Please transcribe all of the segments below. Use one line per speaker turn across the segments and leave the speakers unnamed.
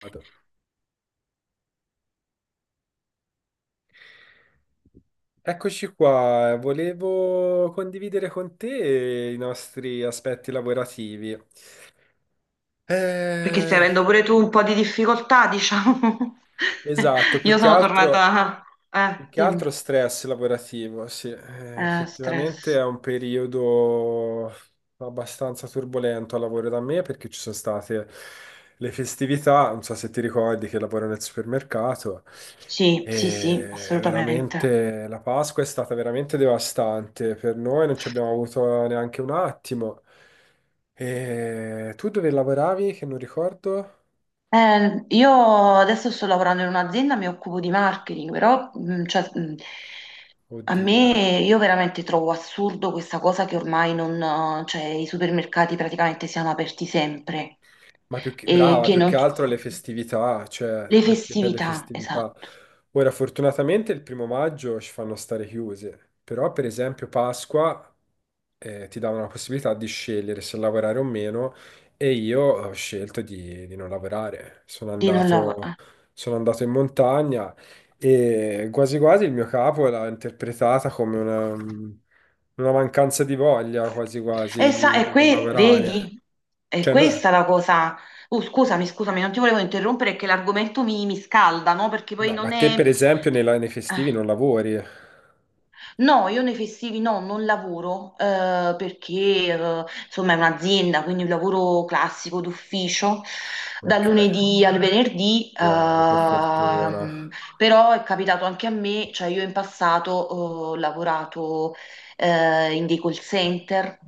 Vado. Eccoci qua, volevo condividere con te i nostri aspetti lavorativi.
Perché stai
Eh,
avendo pure tu un po' di difficoltà, diciamo.
esatto. più
Io
che
sono
altro
tornata...
Più che
Dimmi.
altro stress lavorativo, sì, effettivamente
Stress.
è un periodo abbastanza turbolento al lavoro da me perché ci sono state le festività, non so se ti ricordi che lavoro nel supermercato,
Sì, sì, sì,
e
assolutamente.
veramente la Pasqua è stata veramente devastante per noi, non ci abbiamo avuto neanche un attimo. E tu dove lavoravi che non ricordo?
Io adesso sto lavorando in un'azienda, mi occupo di marketing, però cioè, a
Oddio.
me io veramente trovo assurdo questa cosa che ormai non, cioè, i supermercati praticamente siano aperti sempre
Ma
e
brava,
che
più
non...
che altro le festività, cioè
Le
anche per le
festività,
festività.
esatto,
Ora, fortunatamente il primo maggio ci fanno stare chiuse, però per esempio Pasqua ti davano la possibilità di scegliere se lavorare o meno e io ho scelto di non lavorare. Sono
di non
andato,
lavorare.
sono andato in montagna e quasi quasi il mio capo l'ha interpretata come una mancanza di voglia, quasi
E,
quasi,
sa,
di, di non lavorare.
vedi, è
Cioè, no-
questa la cosa. Scusami, scusami, non ti volevo interrompere che l'argomento mi scalda, no? Perché poi
No, ma
non
te
è.
per esempio nei festivi
eh,
non lavori?
No, io nei festivi no, non lavoro, perché insomma è un'azienda, quindi un lavoro classico d'ufficio dal
Ok,
lunedì al venerdì.
wow, che fortuna.
Però è capitato anche a me, cioè io in passato ho lavorato in dei call center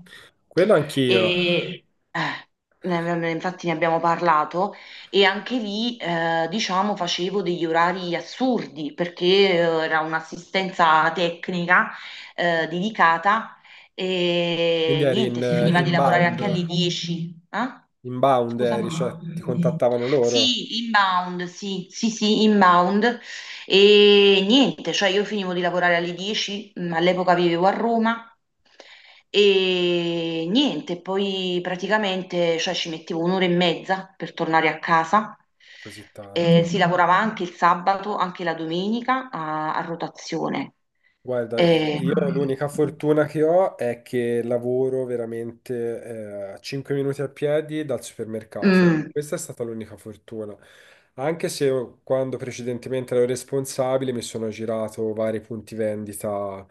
Quello anch'io.
e infatti ne abbiamo parlato, e anche lì, diciamo, facevo degli orari assurdi perché era un'assistenza tecnica dedicata.
Quindi
E
eri in
niente, si finiva di lavorare
inbound,
anche alle 10. Eh?
inbound eri, cioè ti
Scusami.
contattavano loro.
Sì, inbound, sì, sì, sì, inbound. E niente, cioè io finivo di lavorare alle 10, all'epoca vivevo a Roma e niente, poi praticamente cioè, ci mettevo un'ora e mezza per tornare a casa.
Così tanto.
Si lavorava anche il sabato, anche la domenica a rotazione.
Guarda,
Eh,
io l'unica fortuna che ho è che lavoro veramente a 5 minuti a piedi dal supermercato.
mm,
Questa è stata l'unica fortuna. Anche se io, quando precedentemente ero responsabile, mi sono girato vari punti vendita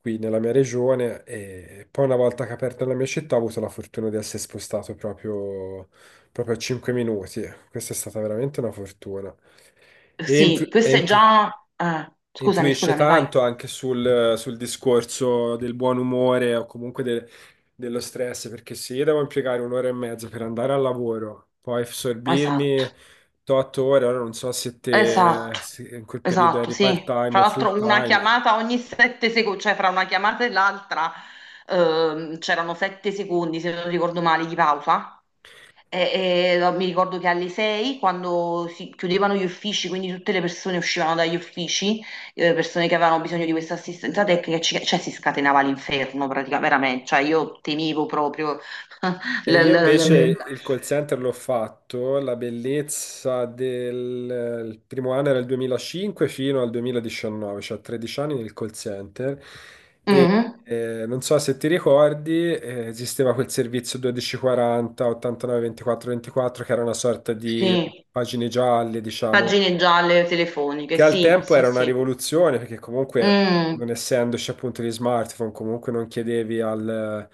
qui nella mia regione e poi una volta che ho aperto la mia città ho avuto la fortuna di essere spostato proprio, proprio a 5 minuti. Questa è stata veramente una fortuna. E in più-
sì,
e
questo
in
è
più-
già... scusami,
influisce
scusami, vai.
tanto anche sul discorso del buon umore o comunque dello stress, perché se io devo impiegare un'ora e mezza per andare al lavoro, poi sorbirmi
Esatto.
8 ore, ora non so se te
Esatto,
se in quel periodo
esatto,
eri
sì.
part-time
Tra
o
l'altro una
full-time.
chiamata ogni sette secondi, cioè fra una chiamata e l'altra c'erano sette secondi, se non ricordo male, di pausa. E no, mi ricordo che alle sei, quando si chiudevano gli uffici, quindi tutte le persone uscivano dagli uffici, persone che avevano bisogno di questa assistenza tecnica, cioè si scatenava l'inferno praticamente, veramente. Cioè io temevo proprio. l-
E io
l-
invece
l-
il call center l'ho fatto, la bellezza del il primo anno era il 2005 fino al 2019, cioè 13 anni nel call center. E
Mhm.
non so se ti ricordi, esisteva quel servizio 1240, 89, 24, 24, che era una sorta di
Sì,
pagine gialle, diciamo,
pagine gialle telefoniche,
che al
sì,
tempo
sì,
era una
sì.
rivoluzione, perché comunque non
Mm,
essendoci appunto gli smartphone, comunque non chiedevi al,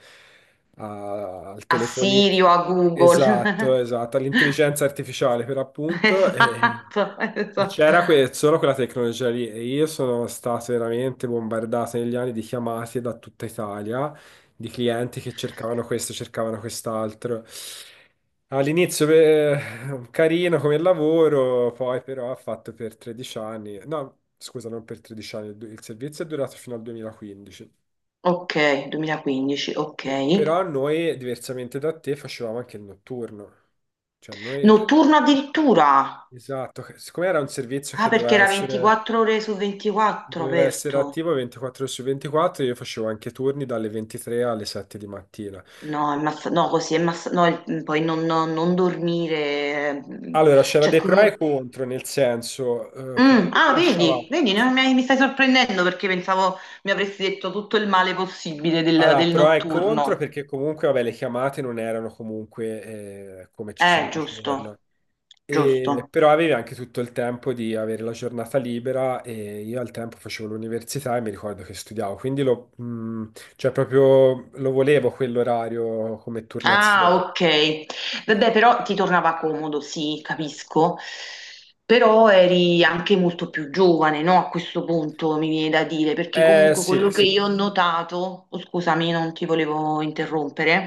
a- al
A
telefonino.
Siri o a Google.
Esatto, esatto, all'intelligenza artificiale per appunto. E,
Esatto,
e
esatto.
c'era solo quella tecnologia lì. E io sono stato veramente bombardato negli anni di chiamate da tutta Italia, di clienti che cercavano questo, cercavano quest'altro. All'inizio beh, carino come lavoro, poi però ha fatto per 13 anni, no, scusa, non per 13 anni, il servizio è durato fino al 2015.
Ok, 2015, ok.
Però noi, diversamente da te, facevamo anche il notturno. Cioè noi,
Notturno addirittura.
esatto, siccome era un servizio che
Ah, perché
doveva
era
essere,
24 ore su 24
doveva essere
aperto.
attivo 24 ore su 24, io facevo anche turni dalle 23 alle 7 di mattina.
No, no, così no, poi non dormire.
Allora, c'era
Cioè,
dei pro e contro, nel senso, comunque ti
Ah,
lasciava
vedi, vedi, no, mi stai sorprendendo perché pensavo mi avresti detto tutto il male possibile del,
alla
del
pro e contro,
notturno.
perché comunque, vabbè, le chiamate non erano comunque come ci sono di giorno.
Giusto,
E-
giusto.
però avevi anche tutto il tempo di avere la giornata libera e io al tempo facevo l'università e mi ricordo che studiavo, quindi cioè proprio lo volevo quell'orario come
Ah,
turnazione.
ok. Vabbè, però ti tornava comodo, sì, capisco. Però eri anche molto più giovane, no? A questo punto mi viene da dire, perché
Eh
comunque
sì,
quello che
sì,
io ho notato, oh, scusami, non ti volevo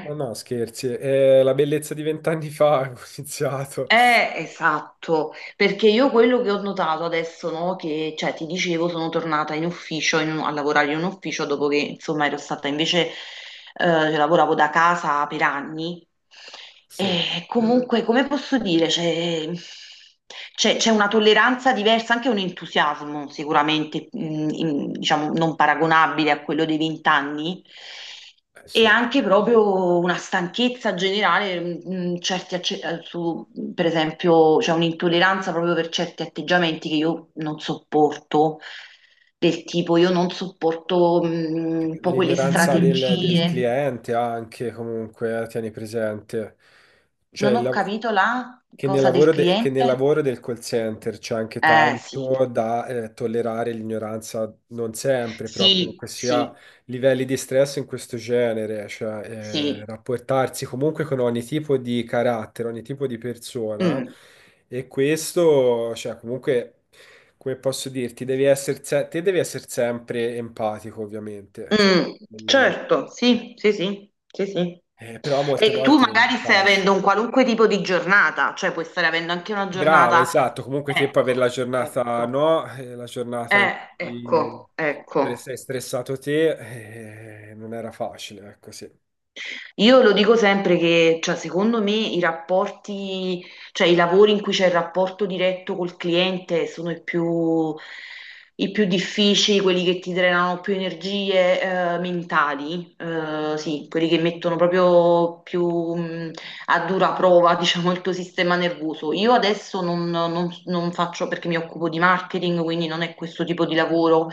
ma no, scherzi, la bellezza di 20 anni fa ho iniziato.
Esatto, perché io quello che ho notato adesso, no, che cioè, ti dicevo, sono tornata in ufficio, a lavorare in un ufficio dopo che insomma ero stata invece, lavoravo da casa per anni.
Sì,
E comunque, come posso dire, c'è una tolleranza diversa, anche un entusiasmo sicuramente, diciamo, non paragonabile a quello dei vent'anni. E
sì.
anche proprio una stanchezza generale, certi per esempio, c'è un'intolleranza proprio per certi atteggiamenti che io non sopporto, del tipo io non sopporto un po' quelle
L'ignoranza del
strategie.
cliente anche, comunque, tieni presente. Cioè,
Non ho capito la
che nel
cosa del
lavoro, che nel
cliente?
lavoro del call center c'è anche
Eh sì,
tanto da tollerare l'ignoranza, non sempre, però
sì,
comunque sia
sì,
livelli di stress in questo genere, cioè
sì.
rapportarsi comunque con ogni tipo di carattere, ogni tipo di persona,
Mm,
e questo, cioè comunque, come posso dirti, devi essere, se- te devi essere sempre empatico, ovviamente, cioè,
mm,
di-
certo, sì, sì, sì, sì, sì.
però molte
E tu
volte non è
magari stai
facile.
avendo un qualunque tipo di giornata, cioè puoi stare avendo anche una
Brava,
giornata.
esatto. Comunque te puoi avere la
Ecco,
giornata,
ecco,
no? La giornata in cui
ecco, ecco.
sei stressato te, non era facile, ecco sì.
Io lo dico sempre che, cioè, secondo me i rapporti, cioè i lavori in cui c'è il rapporto diretto col cliente sono i più difficili, quelli che ti drenano più energie, mentali, sì, quelli che mettono proprio più, a dura prova, diciamo, il tuo sistema nervoso. Io adesso non, non faccio perché mi occupo di marketing, quindi non è questo tipo di lavoro,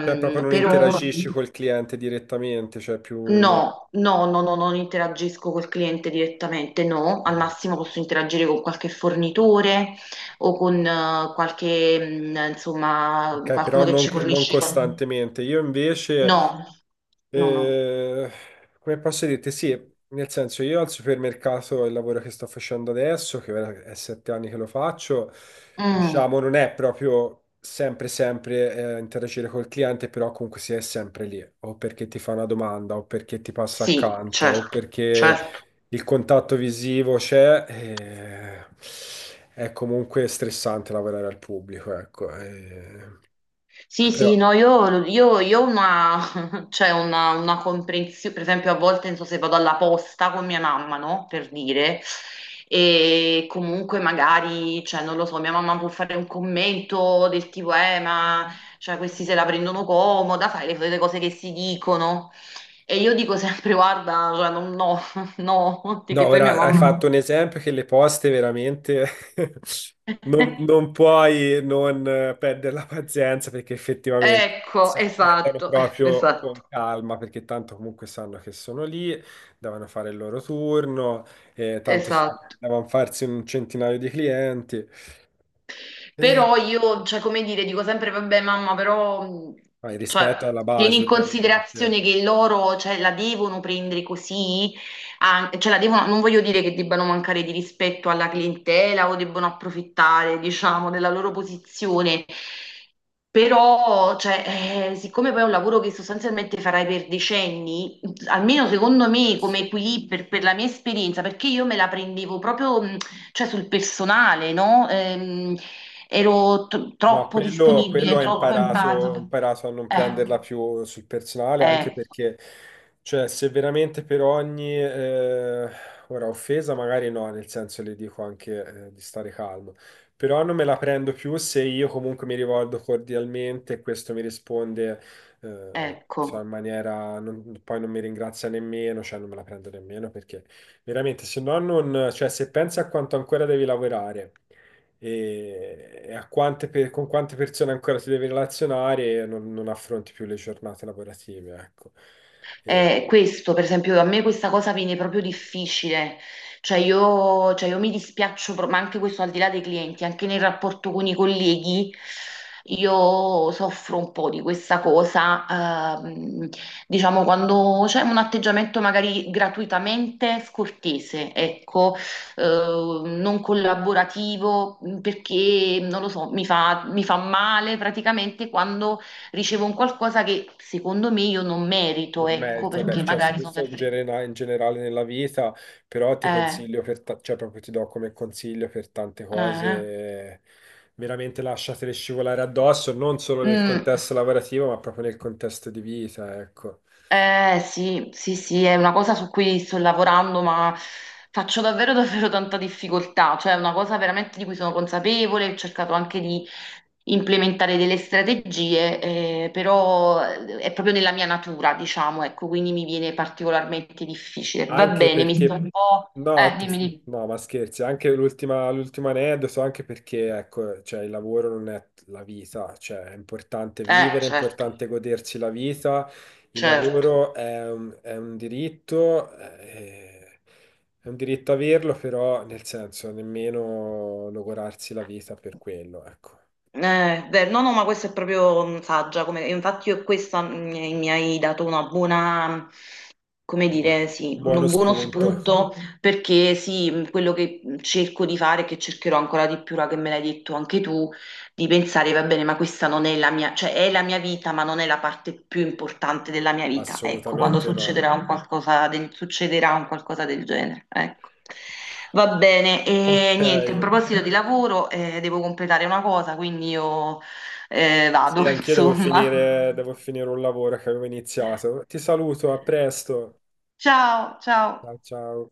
Cioè proprio non
però...
interagisci col cliente direttamente,
No, no, no, no, non interagisco col cliente direttamente, no, al
eh,
massimo posso interagire con qualche fornitore o con qualche, insomma,
Ok, però
qualcuno che
non,
ci
non
fornisce. Commerciale.
costantemente. Io invece.
No, no, no.
Eh, Come posso dirti? Sì, nel senso io al supermercato, il lavoro che sto facendo adesso, che ora è 7 anni che lo faccio,
Mm,
diciamo, non è proprio sempre sempre interagire col cliente, però comunque si è sempre lì, o perché ti fa una domanda, o perché ti passa
sì,
accanto, o
certo,
perché
certo.
il contatto visivo c'è. È comunque stressante lavorare al pubblico, ecco.
Sì,
Però
sì, no, io, io ho una, cioè una comprensione, per esempio a volte non so se vado alla posta con mia mamma, no? Per dire, e comunque magari, cioè non lo so, mia mamma può fare un commento del tipo, ma cioè, questi se la prendono comoda, fai le cose che si dicono. E io dico sempre, guarda, cioè, no, no,
No,
che poi mia
ora hai
mamma...
fatto un esempio che le poste veramente non,
Mm.
non puoi non perdere la pazienza, perché effettivamente
Ecco,
se la prendono
esatto,
proprio con
esatto,
calma, perché tanto comunque sanno che sono lì, devono fare il loro turno, tanto sanno che
esatto.
devono farsi un centinaio di clienti. E,
Però io, cioè, come dire, dico sempre, vabbè, mamma, però,
poi
cioè,
rispetto alla
tieni
base
in
ovviamente.
considerazione che loro, cioè, la devono prendere così, cioè, la devono, non voglio dire che debbano mancare di rispetto alla clientela o debbano approfittare, diciamo, della loro posizione. Però, cioè, siccome poi è un lavoro che sostanzialmente farai per decenni, almeno secondo me come
Sì.
equilibrio, per la mia esperienza, perché io me la prendevo proprio, cioè, sul personale, no? Ero
No,
troppo
quello
disponibile,
ha
troppo
imparato, ho
empatica.
imparato a non
Eh,
prenderla più sul personale, anche
eh,
perché, cioè, se veramente per ogni, ora, offesa magari no, nel senso le dico anche, di stare calmo, però non me la prendo più se io comunque mi rivolgo cordialmente e questo mi risponde, insomma, in
ecco.
maniera, poi non mi ringrazia nemmeno, cioè non me la prendo nemmeno, perché veramente, se no non, cioè, se pensi a quanto ancora devi lavorare e con quante persone ancora ti devi relazionare, e non affronti più le giornate lavorative, ecco. E
Questo, per esempio, a me questa cosa viene proprio difficile, cioè io mi dispiaccio, ma anche questo al di là dei clienti, anche nel rapporto con i colleghi, io soffro un po' di questa cosa, ehm, diciamo quando c'è un atteggiamento magari gratuitamente scortese, ecco, eh, non collaborativo, perché non lo so, mi fa male praticamente quando ricevo un qualcosa che secondo me io non merito,
non
ecco,
merito, beh,
perché
cioè, so
magari sono
questo in,
sempre...
genera- in generale nella vita, però ti
Eh,
consiglio, cioè proprio ti do come consiglio per tante
eh,
cose, veramente lasciatele scivolare addosso, non solo nel
mm,
contesto lavorativo, ma proprio nel contesto di vita, ecco.
sì, sì, sì, è una cosa su cui sto lavorando, ma faccio davvero, davvero tanta difficoltà, cioè è una cosa veramente di cui sono consapevole, ho cercato anche di implementare delle strategie, però è proprio nella mia natura, diciamo, ecco, quindi mi viene particolarmente difficile. Va
Anche
bene, mi sto
perché,
un po'...
no,
Dimmi, dimmi.
no, ma scherzi, anche l'ultima, l'ultimo aneddoto, so anche perché, ecco, cioè, il lavoro non è la vita, cioè, è importante vivere, è
Certo,
importante godersi la vita, il
certo.
lavoro è un diritto averlo, però, nel senso, nemmeno logorarsi la vita per quello, ecco.
Beh, no, no, ma questa è proprio saggia, come, e infatti io questa mi hai dato una buona, come
Bu-
dire, sì,
Buono
un buono
spunto,
spunto perché sì, quello che cerco di fare, che cercherò ancora di più, ora che me l'hai detto anche tu, di pensare, va bene, ma questa non è la mia, cioè è la mia vita, ma non è la parte più importante della mia vita. Ecco, quando
assolutamente no.
succederà un qualcosa del, succederà un qualcosa del genere, ecco. Va bene, e
Ok.
niente, a proposito di lavoro, devo completare una cosa, quindi io
Sì,
vado,
anch'io
insomma.
devo finire un lavoro che avevo iniziato. Ti saluto, a presto.
Ciao, ciao.
Ciao, ciao.